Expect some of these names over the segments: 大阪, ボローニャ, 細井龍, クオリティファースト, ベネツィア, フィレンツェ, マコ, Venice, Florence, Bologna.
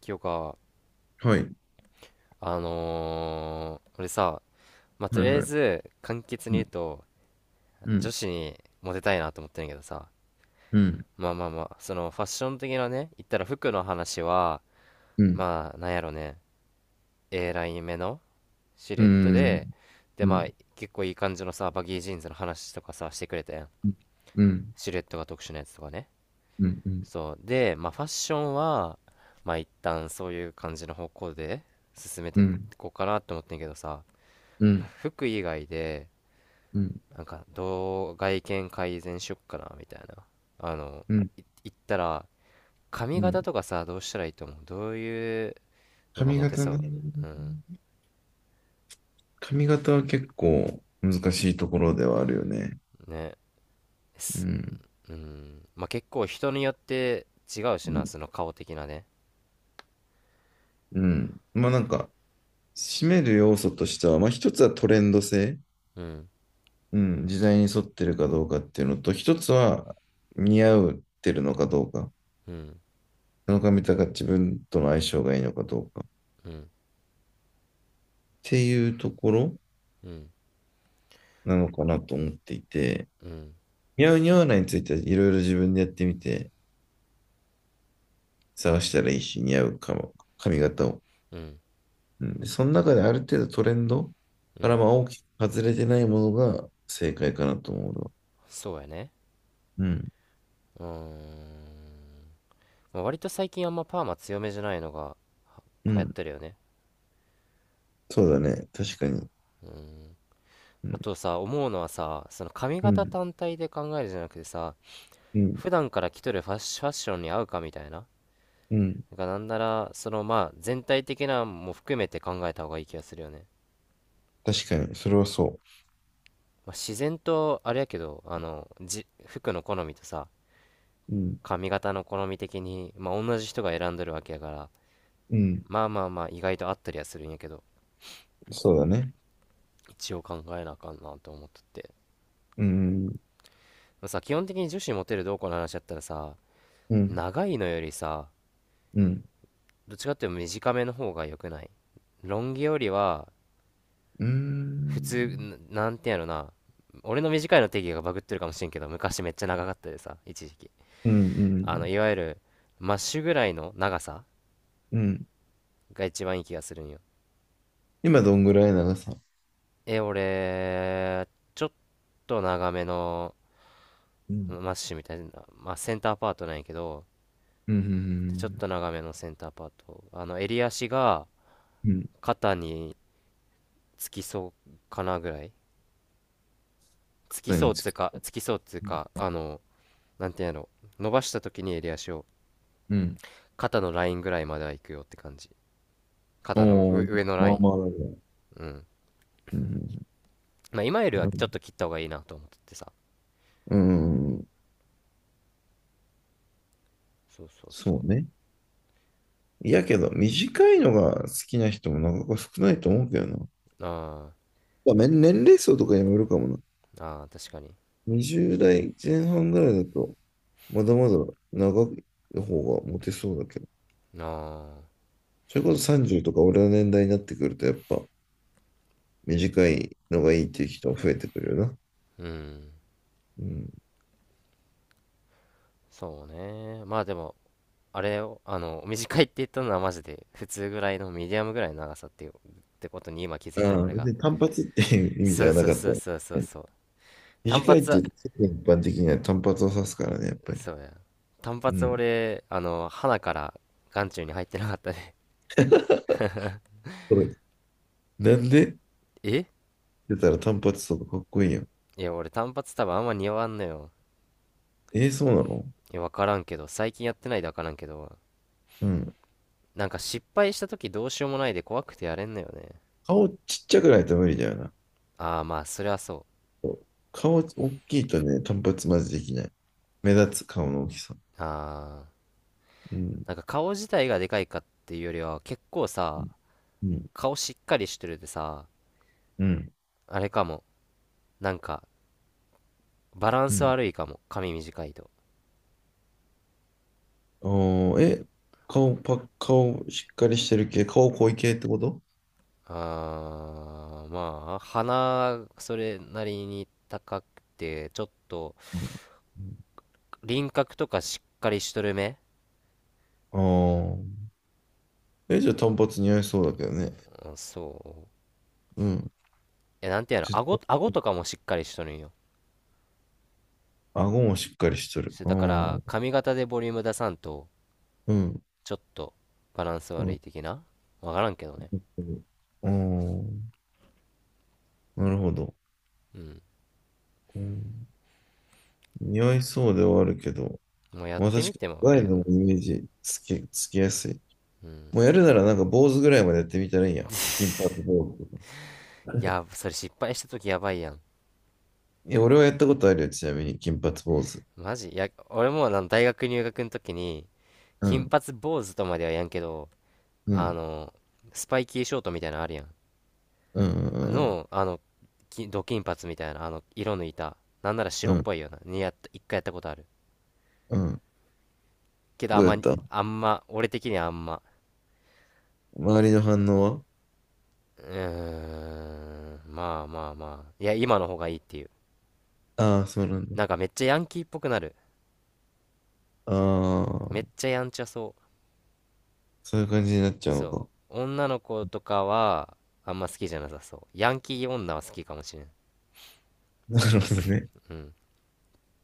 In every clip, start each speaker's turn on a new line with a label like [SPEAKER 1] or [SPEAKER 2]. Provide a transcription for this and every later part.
[SPEAKER 1] 清か。
[SPEAKER 2] はい。
[SPEAKER 1] 俺さ、まあ、と
[SPEAKER 2] は
[SPEAKER 1] り
[SPEAKER 2] い
[SPEAKER 1] あえ
[SPEAKER 2] はい。
[SPEAKER 1] ず簡潔に
[SPEAKER 2] う
[SPEAKER 1] 言う
[SPEAKER 2] ん。
[SPEAKER 1] と、
[SPEAKER 2] う
[SPEAKER 1] 女
[SPEAKER 2] ん。
[SPEAKER 1] 子にモテたいなと思ってるんやけどさ、
[SPEAKER 2] うん。
[SPEAKER 1] まあまあまあ、そのファッション的なね、言ったら服の話は、
[SPEAKER 2] うん。
[SPEAKER 1] まあなんやろね、 A ライン目のシル
[SPEAKER 2] う
[SPEAKER 1] エット
[SPEAKER 2] ん。
[SPEAKER 1] で、で
[SPEAKER 2] う
[SPEAKER 1] まあ
[SPEAKER 2] ん。
[SPEAKER 1] 結構いい感じのさ、バギージーンズの話とかさしてくれたやん。
[SPEAKER 2] うん。
[SPEAKER 1] シルエットが特殊なやつとかね。
[SPEAKER 2] うん。うん。
[SPEAKER 1] そうで、まあファッションは、まあ一旦そういう感じの方向で進め
[SPEAKER 2] う
[SPEAKER 1] てい
[SPEAKER 2] ん。
[SPEAKER 1] こうかなと思ってんけどさ、
[SPEAKER 2] うん。
[SPEAKER 1] 服以外でなんかどう外見改善しよっかなみたいな。あの
[SPEAKER 2] うん。
[SPEAKER 1] い言ったら、髪
[SPEAKER 2] う
[SPEAKER 1] 型
[SPEAKER 2] ん。
[SPEAKER 1] とかさ、どうしたらいいと思う？どういうのが
[SPEAKER 2] 髪
[SPEAKER 1] モテ
[SPEAKER 2] 型
[SPEAKER 1] そ
[SPEAKER 2] ね。
[SPEAKER 1] う？うん、
[SPEAKER 2] 髪型は結構難しいところではあるよね。
[SPEAKER 1] ね、
[SPEAKER 2] う
[SPEAKER 1] す
[SPEAKER 2] ん。
[SPEAKER 1] うん、まあ結構人によって違うし
[SPEAKER 2] う
[SPEAKER 1] な、
[SPEAKER 2] ん。
[SPEAKER 1] その顔的なね。
[SPEAKER 2] うん。まあなんか、締める要素としては、まあ一つはトレンド性。
[SPEAKER 1] うん。
[SPEAKER 2] うん。時代に沿ってるかどうかっていうのと、一つは似合うってるのかどうか。
[SPEAKER 1] うん。
[SPEAKER 2] その髪型が自分との相性がいいのかどうか。っ
[SPEAKER 1] うん。
[SPEAKER 2] ていうところ。
[SPEAKER 1] うん。
[SPEAKER 2] なのかなと思っていて、
[SPEAKER 1] うん。
[SPEAKER 2] 似合う似合わないについてはいろいろ自分でやってみて、探したらいいし、似合うかも、髪型を。
[SPEAKER 1] うん。
[SPEAKER 2] うん。その中である程度トレンド
[SPEAKER 1] う
[SPEAKER 2] から
[SPEAKER 1] ん。
[SPEAKER 2] まあ大きく外れてないものが正解かなと思うの。
[SPEAKER 1] そうやね。
[SPEAKER 2] うん、
[SPEAKER 1] うーん、まあ、割と最近あんまパーマ強めじゃないのが
[SPEAKER 2] う
[SPEAKER 1] 流行っ
[SPEAKER 2] ん、
[SPEAKER 1] てるよね。
[SPEAKER 2] そうだね。確かに。
[SPEAKER 1] うん。
[SPEAKER 2] う
[SPEAKER 1] あ
[SPEAKER 2] ん、
[SPEAKER 1] とさ、思うのはさ、その髪
[SPEAKER 2] う
[SPEAKER 1] 型
[SPEAKER 2] ん、
[SPEAKER 1] 単体で考えるじゃなくてさ、
[SPEAKER 2] うん、
[SPEAKER 1] 普段から着とるファッションに合うかみたいな。
[SPEAKER 2] うん。
[SPEAKER 1] がなんなら、そのまあ全体的なも含めて考えた方がいい気がするよね。
[SPEAKER 2] 確かに。それはそ
[SPEAKER 1] まあ、自然とあれやけど、あの、服の好みとさ、
[SPEAKER 2] う。うん、
[SPEAKER 1] 髪型の好み的に、まあ同じ人が選んどるわけやから、
[SPEAKER 2] うん、
[SPEAKER 1] まあまあまあ意外と合ったりはするんやけど、
[SPEAKER 2] そうだね。
[SPEAKER 1] 一応考えなあかんなと思っとって。
[SPEAKER 2] うん、うん、
[SPEAKER 1] まあ、さ、基本的に女子モテるどうこうの話だったらさ、
[SPEAKER 2] うん、
[SPEAKER 1] 長いのよりさ、
[SPEAKER 2] うん、
[SPEAKER 1] どっちかっていうと短めの方が良くない？ロン毛よりは
[SPEAKER 2] う
[SPEAKER 1] 普
[SPEAKER 2] ん、
[SPEAKER 1] 通、なんてやろな、俺の短いの定義がバグってるかもしれんけど、昔めっちゃ長かったでさ、一時期
[SPEAKER 2] う
[SPEAKER 1] あの
[SPEAKER 2] ん、
[SPEAKER 1] いわゆるマッシュぐらいの長さ
[SPEAKER 2] うん。
[SPEAKER 1] が一番いい気がするんよ。
[SPEAKER 2] 今どんぐらい長さ？
[SPEAKER 1] え、俺、ちょっと長めの
[SPEAKER 2] うん、
[SPEAKER 1] マッシュみたいな、まあ、センターパートなんやけど、
[SPEAKER 2] うん、うん。う
[SPEAKER 1] ちょっ
[SPEAKER 2] ん
[SPEAKER 1] と長めのセンターパート、あの襟足が
[SPEAKER 2] うん。
[SPEAKER 1] 肩につきそうかなぐらい。
[SPEAKER 2] 豚につき。
[SPEAKER 1] つきそうつうか、あの、なんてやろ、伸ばした時に襟足を
[SPEAKER 2] うん。
[SPEAKER 1] 肩のラインぐらいまでは行くよって感じ。肩の
[SPEAKER 2] お
[SPEAKER 1] 上
[SPEAKER 2] ー、
[SPEAKER 1] 上の
[SPEAKER 2] ま
[SPEAKER 1] ラ
[SPEAKER 2] あ
[SPEAKER 1] イン。
[SPEAKER 2] まあだね。
[SPEAKER 1] うん。
[SPEAKER 2] うん。
[SPEAKER 1] まあ今よりは
[SPEAKER 2] う
[SPEAKER 1] ちょっ
[SPEAKER 2] ん。
[SPEAKER 1] と切った方がいいなと思っててさ。
[SPEAKER 2] うん。
[SPEAKER 1] そうそうそう。
[SPEAKER 2] そうね。いやけど、短いのが好きな人もなかなか少ないと思うけどな。
[SPEAKER 1] あ
[SPEAKER 2] まあ、年齢層とかにもよるかもな。
[SPEAKER 1] ー、あー、あ、確かに。
[SPEAKER 2] 20代前半ぐらいだと、まだまだ長い方がモテそうだけど。
[SPEAKER 1] ああ。
[SPEAKER 2] それこそ30とか俺の年代になってくると、やっぱ短いのがいいっていう人が増えてくるよな。
[SPEAKER 1] うん。
[SPEAKER 2] うん。
[SPEAKER 1] そうね。まあでも、あれを、あの、短いって言ったのはマジで普通ぐらいのミディアムぐらいの長さっていう、ってことに今気づ
[SPEAKER 2] あ
[SPEAKER 1] いた
[SPEAKER 2] あ、
[SPEAKER 1] 俺
[SPEAKER 2] 別
[SPEAKER 1] が。
[SPEAKER 2] に単発っていう意味じ
[SPEAKER 1] そう
[SPEAKER 2] ゃな
[SPEAKER 1] そう
[SPEAKER 2] かっ
[SPEAKER 1] そ
[SPEAKER 2] た。
[SPEAKER 1] うそうそうそう。単
[SPEAKER 2] 短いって
[SPEAKER 1] 発
[SPEAKER 2] 言
[SPEAKER 1] は、
[SPEAKER 2] うと、世間一般的には単発を指すからね、やっぱり。
[SPEAKER 1] そうや。単
[SPEAKER 2] う
[SPEAKER 1] 発
[SPEAKER 2] ん。
[SPEAKER 1] 俺、あの、鼻から眼中に入ってなかったね。
[SPEAKER 2] これ、なんでって
[SPEAKER 1] え、
[SPEAKER 2] 言ったら単発とかかっこいいやん。
[SPEAKER 1] いや、俺単発多分あんま似合わんのよ。
[SPEAKER 2] えー、そうなの？
[SPEAKER 1] いや、わからんけど、最近やってないでわからんけど、
[SPEAKER 2] うん。
[SPEAKER 1] なんか失敗した時どうしようもないで怖くてやれんのよね。
[SPEAKER 2] 顔ちっちゃくないと無理だよな。
[SPEAKER 1] ああ、まあ、それはそ
[SPEAKER 2] そう。顔大きいとね、単発まずできない。目立つ顔の大きさ。
[SPEAKER 1] う。ああ、
[SPEAKER 2] うん。
[SPEAKER 1] なんか顔自体がでかいかっていうよりは、結構
[SPEAKER 2] う
[SPEAKER 1] さ、
[SPEAKER 2] ん。うん。
[SPEAKER 1] 顔しっかりしてるでさ、
[SPEAKER 2] うん。
[SPEAKER 1] あれかも、なんか、バラン
[SPEAKER 2] う
[SPEAKER 1] ス
[SPEAKER 2] ん。
[SPEAKER 1] 悪いかも、髪短いと。
[SPEAKER 2] あー、え、顔パッ、顔しっかりしてる系、顔濃い系ってこと？
[SPEAKER 1] ああ、まあ、鼻、それなりに高くて、ちょっと、
[SPEAKER 2] うん。
[SPEAKER 1] 輪郭とかしっかりしとる目。
[SPEAKER 2] ああー。え、じゃあ単発似合いそうだけどね。
[SPEAKER 1] うん、そう。
[SPEAKER 2] うん。
[SPEAKER 1] え、なんていうの、
[SPEAKER 2] 絶対
[SPEAKER 1] 顎とかもしっかりしとるんよ。
[SPEAKER 2] 顎もしっかりしとる。
[SPEAKER 1] そう
[SPEAKER 2] う
[SPEAKER 1] だから、
[SPEAKER 2] ん。
[SPEAKER 1] 髪型でボリューム出さんと、
[SPEAKER 2] うん。
[SPEAKER 1] ちょっとバランス
[SPEAKER 2] う
[SPEAKER 1] 悪い
[SPEAKER 2] ん
[SPEAKER 1] 的な、わからんけどね。
[SPEAKER 2] うん。なるほど。
[SPEAKER 1] うん。
[SPEAKER 2] うん。似合いそうではあるけど、
[SPEAKER 1] もうやっ
[SPEAKER 2] まあ
[SPEAKER 1] て
[SPEAKER 2] 確か
[SPEAKER 1] み
[SPEAKER 2] に、
[SPEAKER 1] てもあ
[SPEAKER 2] ワイ
[SPEAKER 1] りや
[SPEAKER 2] ル
[SPEAKER 1] な。
[SPEAKER 2] ドもイメージつきやすい。
[SPEAKER 1] うん。
[SPEAKER 2] もうやるならなんか坊主ぐらいまでやってみたらいいやん。金髪坊主とか。
[SPEAKER 1] い や、それ失敗した時やばいやん。
[SPEAKER 2] いや、俺はやったことあるよ、ちなみに、金髪坊主。
[SPEAKER 1] マジ、いや、俺もあの大学入学の時に、
[SPEAKER 2] う
[SPEAKER 1] 金
[SPEAKER 2] ん、
[SPEAKER 1] 髪坊主とまではやんけど、
[SPEAKER 2] う
[SPEAKER 1] あ
[SPEAKER 2] ん、
[SPEAKER 1] の、スパイキーショートみたいなのあるやん。
[SPEAKER 2] うん、う
[SPEAKER 1] あ
[SPEAKER 2] ん、
[SPEAKER 1] の、あの、金髪みたいな、あの、色抜いた。なんなら
[SPEAKER 2] う
[SPEAKER 1] 白
[SPEAKER 2] ん、
[SPEAKER 1] っ
[SPEAKER 2] うん。
[SPEAKER 1] ぽいような。にやった、一回やったことある。
[SPEAKER 2] うん。
[SPEAKER 1] けど
[SPEAKER 2] どうやった？
[SPEAKER 1] あんま、俺的にはあんま、
[SPEAKER 2] 周りの反応は？
[SPEAKER 1] うーん、まあまあまあ、いや、今の方がいいっていう。
[SPEAKER 2] ああー、そうなんだ。
[SPEAKER 1] なんかめっちゃヤンキーっぽくなる。
[SPEAKER 2] あ
[SPEAKER 1] め
[SPEAKER 2] あ、
[SPEAKER 1] っちゃやんちゃそう。
[SPEAKER 2] そういう感じになっちゃうの
[SPEAKER 1] そ
[SPEAKER 2] か。
[SPEAKER 1] う。女の子とかは、あんま好きじゃなさそう。ヤンキー女は好きかもしれん。
[SPEAKER 2] なるほどね。
[SPEAKER 1] うん。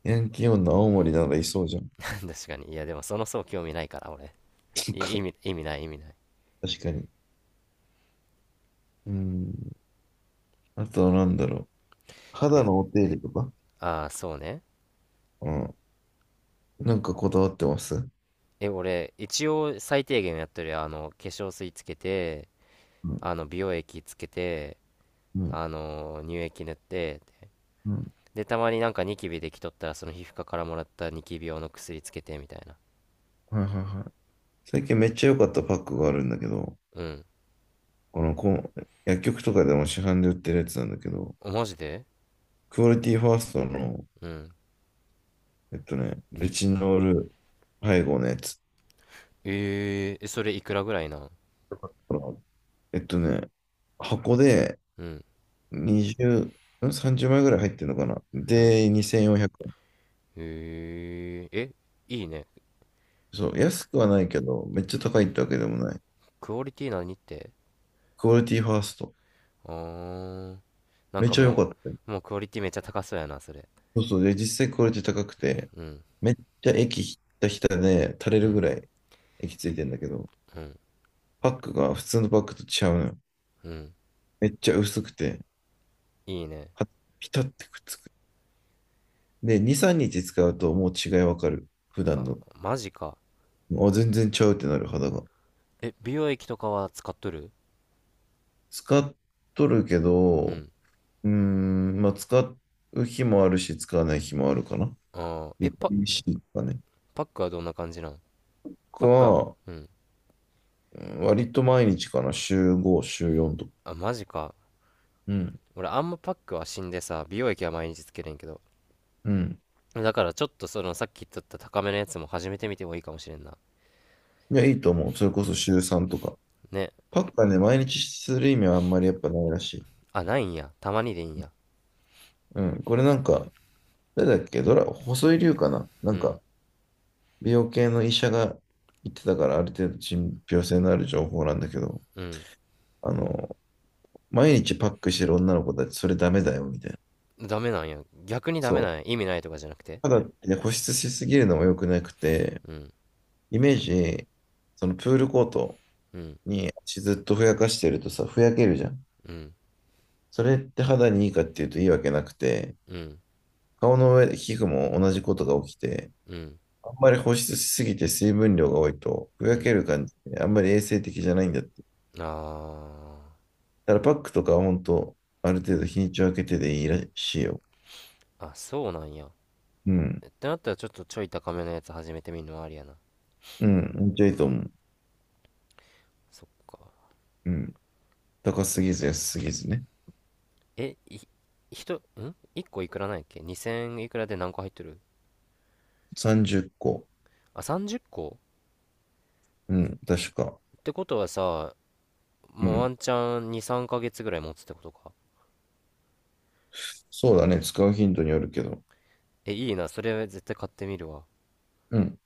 [SPEAKER 2] ヤンキー女青森ならいそうじゃん。
[SPEAKER 1] 確かに。いや、でもその層興味ないから、俺。
[SPEAKER 2] そっか。
[SPEAKER 1] 意味ない、意味ない。
[SPEAKER 2] 確かに。うん。あとはなんだろう。肌
[SPEAKER 1] え、
[SPEAKER 2] のお手入れとか、
[SPEAKER 1] ああ、そうね。
[SPEAKER 2] うん。なんかこだわってます？
[SPEAKER 1] え、俺、一応最低限やってるよ。あの、化粧水つけて、
[SPEAKER 2] うん、
[SPEAKER 1] あの、美容液つけて、
[SPEAKER 2] うん、
[SPEAKER 1] あの、乳液塗って、
[SPEAKER 2] うん。
[SPEAKER 1] でたまになんかニキビできとったらその皮膚科からもらったニキビ用の薬つけて、みたいな。
[SPEAKER 2] はいはいはい。最近めっちゃ良かったパックがあるんだけど、
[SPEAKER 1] うん。
[SPEAKER 2] このこう、薬局とかでも市販で売ってるやつなんだけど、
[SPEAKER 1] あ、マジで？
[SPEAKER 2] クオリティファーストの、
[SPEAKER 1] うん。
[SPEAKER 2] レチノール配合のやつ。
[SPEAKER 1] え、それいくらぐらいなん？
[SPEAKER 2] このえっとね、箱で
[SPEAKER 1] うん。
[SPEAKER 2] 20、30枚ぐらい入ってるのかな。
[SPEAKER 1] うん。
[SPEAKER 2] で、2400円。
[SPEAKER 1] え、いいね。
[SPEAKER 2] そう、安くはないけど、めっちゃ高いってわけでもない。
[SPEAKER 1] クオリティ何って？
[SPEAKER 2] クオリティファースト。
[SPEAKER 1] あー、なん
[SPEAKER 2] めっ
[SPEAKER 1] か
[SPEAKER 2] ちゃ良
[SPEAKER 1] も
[SPEAKER 2] かったよ。
[SPEAKER 1] うもうクオリティめっちゃ高そうやな、それ。
[SPEAKER 2] そうそう。で、実際クオリティ高くて、
[SPEAKER 1] うん。
[SPEAKER 2] めっちゃ液ひたひたで垂れ
[SPEAKER 1] う
[SPEAKER 2] る
[SPEAKER 1] ん。
[SPEAKER 2] ぐらい液ついてんだけど、
[SPEAKER 1] うん。
[SPEAKER 2] パックが普通のパックと違うのよ。
[SPEAKER 1] うん。
[SPEAKER 2] めっちゃ薄くて、
[SPEAKER 1] いいね。
[SPEAKER 2] はピタってくっつく。で、2、3日使うともう違いわかる。普段
[SPEAKER 1] あ、
[SPEAKER 2] の。
[SPEAKER 1] マジか。
[SPEAKER 2] あ、全然ちゃうってなる肌が。
[SPEAKER 1] え、美容液とかは使っとる？
[SPEAKER 2] 使っとるけ
[SPEAKER 1] う
[SPEAKER 2] ど、
[SPEAKER 1] ん。
[SPEAKER 2] うーん、まあ使う日もあるし、使わない日もあるかな。
[SPEAKER 1] あー、え、
[SPEAKER 2] ビタ
[SPEAKER 1] パ
[SPEAKER 2] ミン C とかね。
[SPEAKER 1] パックはどんな感じなん？
[SPEAKER 2] う
[SPEAKER 1] パックは？
[SPEAKER 2] ん。
[SPEAKER 1] うん。
[SPEAKER 2] 割と毎日かな。週5、週4とか。
[SPEAKER 1] あ、マジか。
[SPEAKER 2] うん。
[SPEAKER 1] 俺あんまパックは死んでさ、美容液は毎日つけるんけど、
[SPEAKER 2] うん。
[SPEAKER 1] だからちょっとそのさっき言っとった高めのやつも始めてみてもいいかもしれんな。
[SPEAKER 2] いや、いいと思う。それこそ週3とか。
[SPEAKER 1] ね。
[SPEAKER 2] パックはね、毎日する意味はあんまりやっぱないらしい。
[SPEAKER 1] あ、ないんや？たまにでいいんや。
[SPEAKER 2] うん。これなんか、誰だっけ、細井龍かなな
[SPEAKER 1] う
[SPEAKER 2] ん
[SPEAKER 1] ん。
[SPEAKER 2] か、美容系の医者が言ってたから、ある程度信憑性のある情報なんだけど、
[SPEAKER 1] うん。
[SPEAKER 2] あの、毎日パックしてる女の子たち、それダメだよ、みたいな。
[SPEAKER 1] ダメなんや？逆にダ
[SPEAKER 2] そ
[SPEAKER 1] メ
[SPEAKER 2] う。
[SPEAKER 1] なんや？意味ないとかじゃなくて？
[SPEAKER 2] ただってね、保湿しすぎるのも良くなくて、
[SPEAKER 1] うん。
[SPEAKER 2] イメージ、そのプールコート
[SPEAKER 1] うん。
[SPEAKER 2] に足ずっとふやかしてるとさ、ふやけるじゃん。
[SPEAKER 1] うん。
[SPEAKER 2] それって肌にいいかっていうといいわけなくて、
[SPEAKER 1] うん。
[SPEAKER 2] 顔の上で皮膚も同じことが起きて、
[SPEAKER 1] うん。
[SPEAKER 2] あんまり保湿しすぎて水分量が多いと、ふ
[SPEAKER 1] う
[SPEAKER 2] や
[SPEAKER 1] ん。
[SPEAKER 2] ける感じで、あんまり衛生的じゃないんだって。
[SPEAKER 1] あ
[SPEAKER 2] ただからパックとかは本当、ある程度日にちを空けてでいいらしいよ。
[SPEAKER 1] ー、あ、そうなんや？っ
[SPEAKER 2] うん。
[SPEAKER 1] てなったら、ちょっとちょい高めのやつ始めてみるのもありやな。
[SPEAKER 2] うん。めっちゃいいと思う。
[SPEAKER 1] そっか。
[SPEAKER 2] うん。高すぎず安すぎずね。
[SPEAKER 1] え、い、人、ん ?1 個いくらなんやっけ ?2000 いくらで何個入ってる？
[SPEAKER 2] 30個。
[SPEAKER 1] あ、30個？っこ
[SPEAKER 2] うん。確か。
[SPEAKER 1] ってことはさ、
[SPEAKER 2] う
[SPEAKER 1] もうワ
[SPEAKER 2] ん。
[SPEAKER 1] ンチャン2、3ヶ月ぐらい持つってことか。
[SPEAKER 2] そうだね。使う頻度によるけど。
[SPEAKER 1] え、いいな。それ絶対買ってみるわ。
[SPEAKER 2] うん。